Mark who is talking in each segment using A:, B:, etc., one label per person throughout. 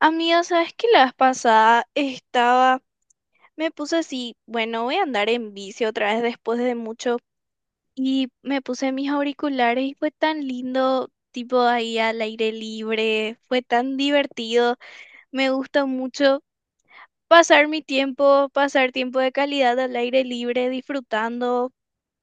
A: Amiga, ¿sabes qué? La vez pasada estaba, me puse así, bueno, voy a andar en bici otra vez después de mucho y me puse mis auriculares y fue tan lindo, tipo ahí al aire libre, fue tan divertido, me gusta mucho pasar mi tiempo, pasar tiempo de calidad al aire libre, disfrutando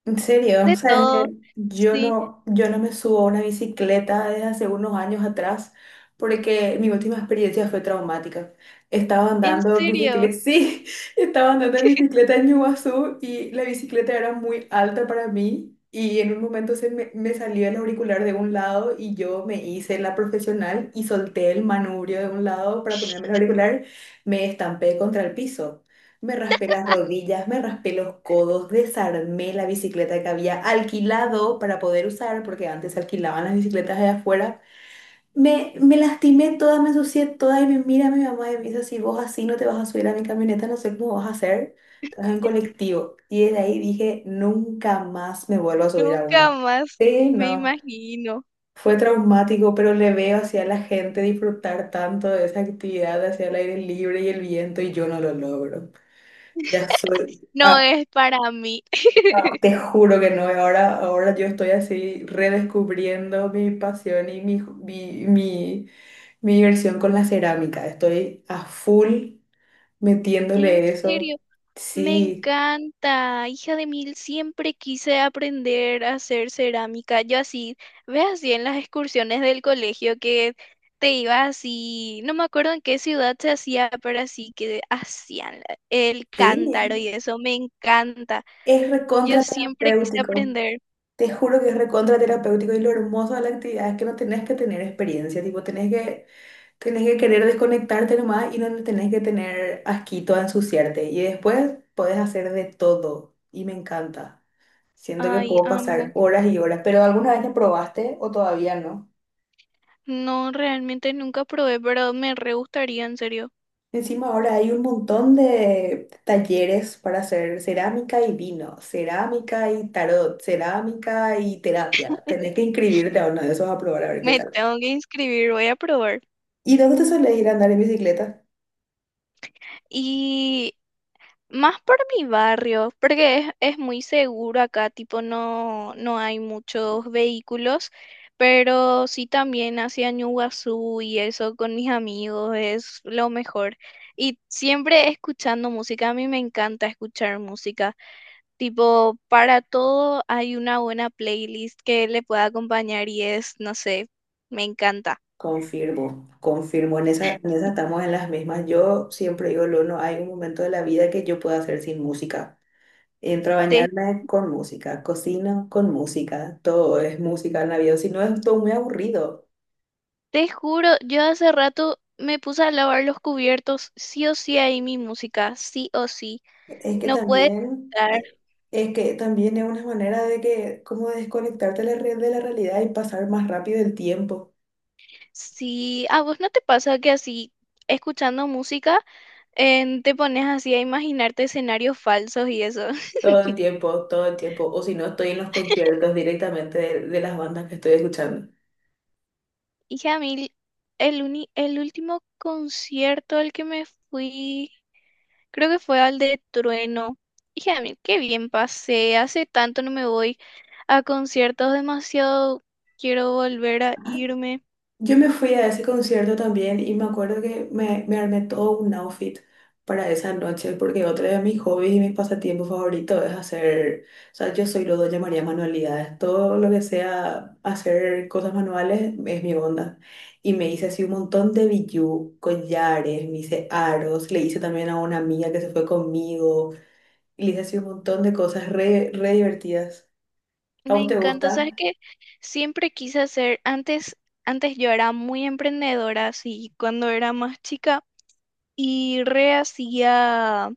B: En serio, o
A: de
B: sea, es
A: todo.
B: que yo
A: Sí,
B: no, yo no me subo a una bicicleta desde hace unos años atrás porque mi última experiencia fue traumática. Estaba
A: en
B: andando en
A: serio,
B: bicicleta, sí, estaba andando en bicicleta en Iguazú y la bicicleta era muy alta para mí y en un momento me salió el auricular de un lado y yo me hice la profesional y solté el manubrio de un lado para ponerme el auricular, me estampé contra el piso. Me raspé las rodillas, me raspé los codos, desarmé la bicicleta que había alquilado para poder usar, porque antes se alquilaban las bicicletas allá afuera. Me lastimé toda, me ensucié toda y me mira mi mamá y me dice, si vos así no te vas a subir a mi camioneta, no sé cómo vas a hacer, te vas en colectivo. Y desde ahí dije, nunca más me vuelvo a subir a una.
A: nunca más
B: Sí,
A: me
B: no.
A: imagino.
B: Fue traumático, pero le veo hacia la gente disfrutar tanto de esa actividad, hacia el aire libre y el viento, y yo no lo logro. Ya soy.
A: No es para mí.
B: Te juro que no, y ahora yo estoy así redescubriendo mi pasión y mi diversión con la cerámica. Estoy a full
A: En
B: metiéndole eso.
A: serio. Me
B: Sí,
A: encanta, hija de mil, siempre quise aprender a hacer cerámica. Yo así, ve así en las excursiones del colegio que te ibas así, no me acuerdo en qué ciudad se hacía, pero así que hacían la- el cántaro
B: sí,
A: y eso, me encanta.
B: es
A: Yo
B: recontra
A: siempre quise
B: terapéutico.
A: aprender.
B: Te juro que es recontra terapéutico y lo hermoso de la actividad es que no tenés que tener experiencia, tipo, tenés que querer desconectarte nomás y no tenés que tener asquito a ensuciarte. Y después podés hacer de todo y me encanta. Siento que
A: Ay,
B: puedo pasar
A: amo.
B: horas y horas, pero ¿alguna vez lo probaste o todavía no?
A: No, realmente nunca probé, pero me re gustaría, en serio.
B: Encima ahora hay un montón de talleres para hacer cerámica y vino, cerámica y tarot, cerámica y terapia. Tenés que inscribirte a uno de esos a probar a ver qué
A: Me
B: tal.
A: tengo que inscribir, voy a probar.
B: ¿Y dónde te sueles ir a andar en bicicleta?
A: Y más por mi barrio, porque es muy seguro acá, tipo no, no hay muchos vehículos, pero sí también hacia Ñuguazú y eso con mis amigos es lo mejor. Y siempre escuchando música, a mí me encanta escuchar música, tipo para todo hay una buena playlist que le pueda acompañar y es, no sé, me encanta.
B: Confirmo, confirmo, en esa estamos en las mismas. Yo siempre digo, lo no hay un momento de la vida que yo pueda hacer sin música. Entro a bañarme con música, cocino con música, todo es música en la vida, si no es todo muy aburrido.
A: Te juro, yo hace rato me puse a lavar los cubiertos, sí o sí ahí mi música, sí o sí,
B: Es que
A: no puede
B: también,
A: estar.
B: es que también es una manera de que, como desconectarte de de la realidad y pasar más rápido el tiempo.
A: Sí, ¿a vos no te pasa que así, escuchando música, te pones así a imaginarte escenarios falsos y eso?
B: Todo el tiempo, todo el tiempo. O si no, estoy en los conciertos directamente de las bandas que estoy escuchando.
A: Y a mí, el, uni- el último concierto al que me fui, creo que fue al de Trueno. Y a mí, qué bien pasé, hace tanto no me voy a conciertos, demasiado quiero volver a irme.
B: Yo me fui a ese concierto también y me acuerdo que me armé todo un outfit para esa noche porque otro de mis hobbies y mis pasatiempos favoritos es hacer, o sea, yo soy lo que llamaría manualidades, todo lo que sea hacer cosas manuales es mi onda. Y me hice así un montón de bijú, collares, me hice aros, le hice también a una amiga que se fue conmigo y le hice así un montón de cosas re divertidas. ¿A
A: Me
B: vos te
A: encanta, sabes
B: gusta?
A: que siempre quise hacer, antes, antes yo era muy emprendedora, así, cuando era más chica, y re hacía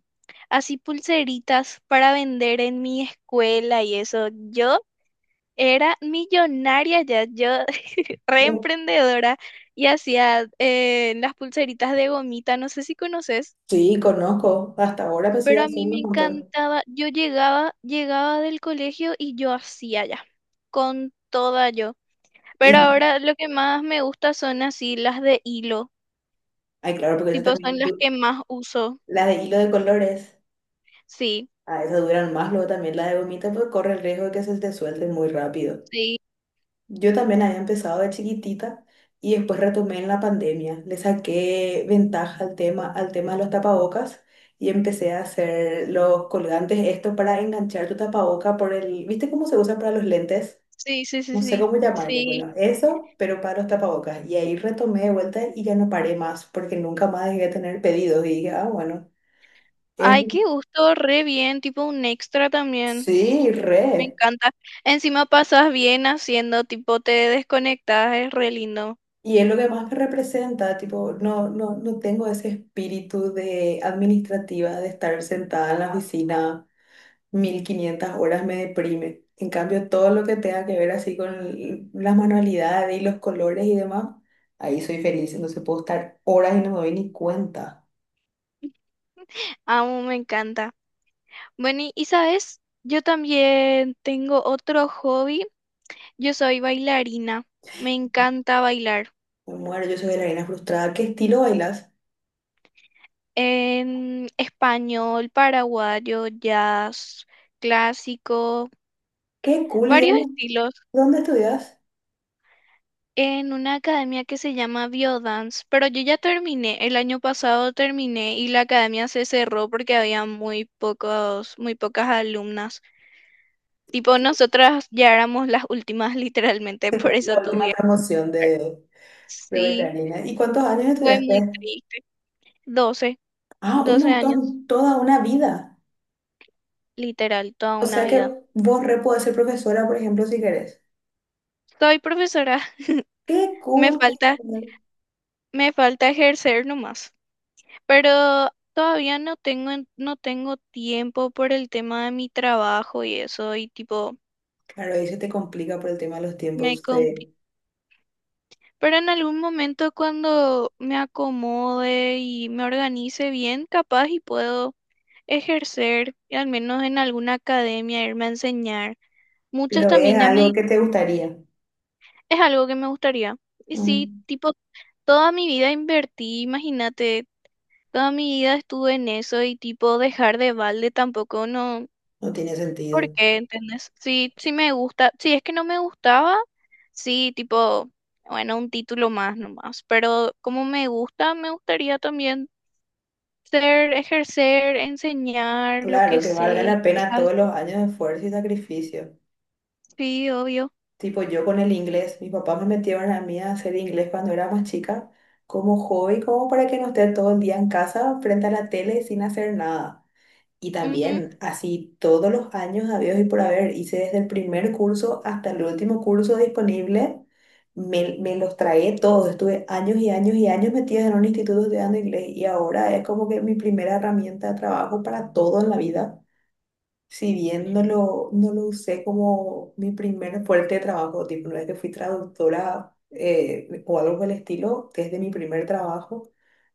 A: así pulseritas para vender en mi escuela y eso. Yo era millonaria ya, yo re
B: Sí,
A: emprendedora y hacía las pulseritas de gomita, no sé si conoces,
B: sí, conozco, hasta ahora me sigo
A: pero a mí
B: haciendo
A: me
B: un montón.
A: encantaba, yo llegaba, llegaba del colegio y yo hacía ya, con toda yo. Pero
B: Y,
A: ahora lo que más me gusta son así las de hilo,
B: ay, claro, porque eso
A: tipo son
B: también,
A: las que más uso.
B: las de hilo de colores,
A: Sí,
B: a esas duran más, luego también la de gomita, pues corre el riesgo de que se te suelte muy rápido.
A: sí,
B: Yo también había empezado de chiquitita y después retomé en la pandemia. Le saqué ventaja al tema de los tapabocas y empecé a hacer los colgantes, esto para enganchar tu tapaboca por el, ¿viste cómo se usa para los lentes?
A: sí, sí, sí,
B: No sé
A: sí,
B: cómo llamarle,
A: sí.
B: bueno, eso, pero para los tapabocas. Y ahí retomé de vuelta y ya no paré más, porque nunca más dejé de tener pedidos. Y dije, ah, bueno. Es,
A: Ay, qué gusto, re bien, tipo un extra también.
B: sí,
A: Me
B: re.
A: encanta. Encima pasas bien haciendo, tipo te desconectas, es re lindo.
B: Y es lo que más me representa, tipo, no tengo ese espíritu de administrativa, de estar sentada en la oficina 1500 horas me deprime. En cambio, todo lo que tenga que ver así con las manualidades y los colores y demás, ahí soy feliz, entonces puedo estar horas y no me doy ni cuenta.
A: Amo, me encanta. Bueno, y sabes, yo también tengo otro hobby. Yo soy bailarina. Me encanta bailar.
B: Me muero, yo soy bailarina frustrada. ¿Qué estilo bailas?
A: En español, paraguayo, jazz, clásico,
B: Qué cool,
A: varios estilos
B: ¿dónde estudias?
A: en una academia que se llama Biodance, pero yo ya terminé, el año pasado terminé y la academia se cerró porque había muy pocos, muy pocas alumnas. Tipo, nosotras ya éramos las últimas literalmente, por eso
B: la última
A: tuve.
B: promoción de
A: Sí,
B: bailarina. ¿Y cuántos años
A: fue muy
B: estudiaste?
A: triste. 12
B: Ah, un
A: 12 años,
B: montón, toda una vida.
A: literal, toda
B: O
A: una
B: sea que
A: vida.
B: vos re podés ser profesora, por ejemplo, si querés.
A: Soy profesora,
B: Qué
A: me
B: cool, qué
A: falta,
B: genial.
A: me falta ejercer nomás. Pero todavía no tengo, en- no tengo tiempo por el tema de mi trabajo y eso, y tipo,
B: Claro, ahí se te complica por el tema de los
A: me
B: tiempos,
A: compi-
B: de-
A: Pero en algún momento cuando me acomode y me organice bien, capaz y puedo ejercer, y al menos en alguna academia, irme a enseñar. Muchos
B: pero es
A: también ya me...
B: algo
A: di-
B: que te gustaría.
A: Es algo que me gustaría. Y sí,
B: Mm,
A: tipo, toda mi vida invertí, imagínate, toda mi vida estuve en eso y tipo, dejar de balde tampoco no.
B: no tiene
A: ¿Por
B: sentido.
A: qué? ¿Entendés? Sí, sí me gusta. Si es que no me gustaba, sí, tipo, bueno, un título más nomás. Pero como me gusta, me gustaría también ser, ejercer, enseñar lo
B: Claro,
A: que
B: que
A: sé
B: valga
A: y
B: la pena
A: cosas
B: todos
A: así.
B: los años de esfuerzo y sacrificio.
A: Sí, obvio.
B: Tipo, yo con el inglés, mis papás me metieron a mí a hacer inglés cuando era más chica, como hobby, como para que no esté todo el día en casa frente a la tele sin hacer nada. Y
A: Ujú.
B: también, así todos los años habidos y por haber, hice desde el primer curso hasta el último curso disponible, me los tragué todos. Estuve años y años y años metida en un instituto estudiando inglés y ahora es como que mi primera herramienta de trabajo para todo en la vida. Si bien no lo usé como mi primer fuerte de trabajo, tipo, no es que fui traductora o algo por el estilo, desde mi primer trabajo,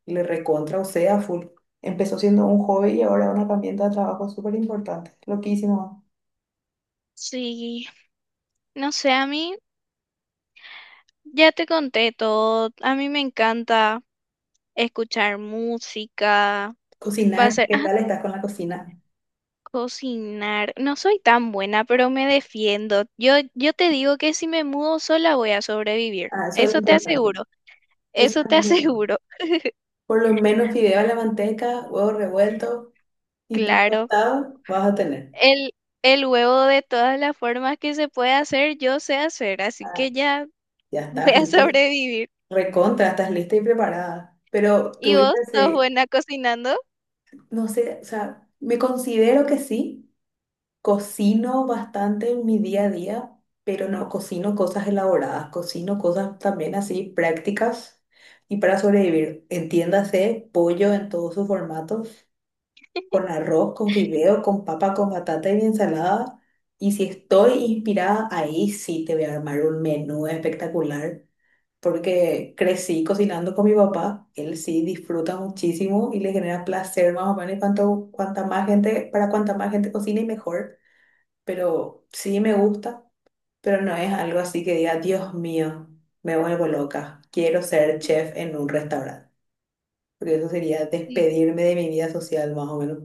B: le recontra usé a full. Empezó siendo un hobby y ahora una herramienta de trabajo súper importante. Loquísimo.
A: Sí, no sé, a mí ya te conté todo. A mí me encanta escuchar música,
B: Cocinar,
A: pasar.
B: ¿qué tal estás con la cocina?
A: Cocinar. No soy tan buena, pero me defiendo. Yo te digo que si me mudo sola voy a sobrevivir.
B: Ah, eso es lo
A: Eso te
B: importante.
A: aseguro.
B: Eso
A: Eso
B: es lo
A: te
B: importante.
A: aseguro.
B: Por lo menos fideo a la manteca, huevo revuelto y pan
A: Claro.
B: tostado vas a tener.
A: El, el huevo de todas las formas que se puede hacer, yo sé hacer. Así
B: Ah,
A: que ya
B: ya
A: voy
B: estás
A: a
B: listo.
A: sobrevivir.
B: Recontra, estás lista y preparada. Pero
A: ¿Y vos
B: tuviste
A: sos
B: ese,
A: buena cocinando?
B: no sé, o sea, me considero que sí, cocino bastante en mi día a día, pero no cocino cosas elaboradas, cocino cosas también así prácticas y para sobrevivir. Entiéndase, pollo en todos sus formatos, con arroz, con fideo, con papa, con batata y ensalada. Y si estoy inspirada, ahí sí te voy a armar un menú espectacular porque crecí cocinando con mi papá. Él sí disfruta muchísimo y le genera placer más o menos. Y cuanta más gente, para cuanta más gente cocine, mejor. Pero sí me gusta, pero no es algo así que diga, Dios mío, me vuelvo loca. Quiero ser chef en un restaurante. Porque eso sería despedirme de mi vida social, más o menos.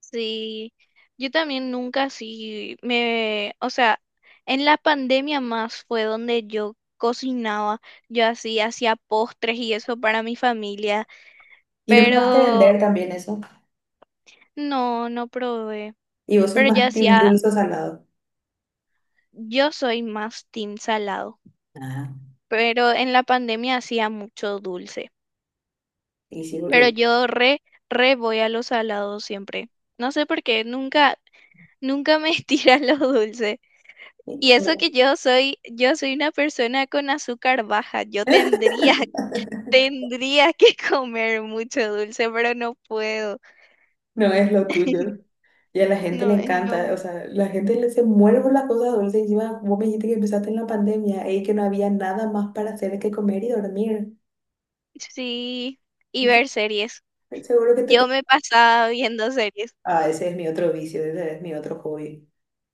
A: Sí, yo también nunca sí me, o sea, en la pandemia más fue donde yo cocinaba, yo así hacía postres y eso para mi familia,
B: ¿Y no probaste
A: pero
B: vender también eso?
A: no, no probé,
B: ¿Y vos sos
A: pero yo
B: más team
A: hacía,
B: dulce o salado?
A: yo soy más team salado,
B: Ah,
A: pero en la pandemia hacía mucho dulce,
B: y sí,
A: pero
B: porque...
A: yo re, re voy a los salados siempre, no sé por qué, nunca, nunca me tiran los dulces. Y eso que yo soy una persona con azúcar baja. Yo tendría, tendría que comer mucho dulce, pero no puedo.
B: No es lo tuyo. Y a la gente le
A: No es lo
B: encanta, o
A: mío.
B: sea, la gente le se muere por las cosas dulces. Encima, vos me dijiste que empezaste en la pandemia y que no había nada más para hacer que comer y dormir.
A: Sí, y
B: Entonces,
A: ver series.
B: seguro que te...
A: Yo
B: pe-
A: me pasaba viendo series.
B: ah, ese es mi otro vicio, ese es mi otro hobby.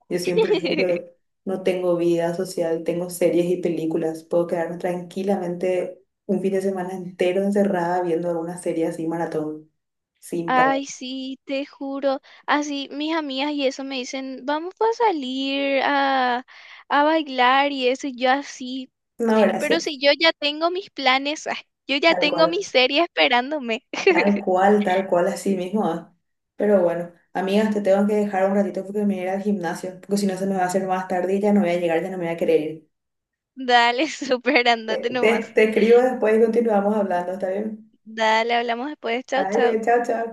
B: Yo siempre digo que no tengo vida social, tengo series y películas. Puedo quedarme tranquilamente un fin de semana entero encerrada viendo alguna serie así, maratón, sin parar.
A: Ay, sí, te juro. Así mis amigas y eso me dicen, vamos a salir a bailar y eso, y yo así.
B: No,
A: Pero
B: gracias.
A: si yo ya tengo mis planes, ah, yo ya
B: Tal
A: tengo mi
B: cual.
A: serie esperándome.
B: Tal cual, tal cual, así mismo. Ah. Pero bueno, amigas, te tengo que dejar un ratito porque me voy a ir al gimnasio, porque si no se me va a hacer más tarde y ya no voy a llegar, ya no me voy a querer ir.
A: Dale, súper, andate nomás.
B: Te escribo después y continuamos hablando, ¿está bien?
A: Dale, hablamos después. Chau, chau.
B: Dale, chao, chao.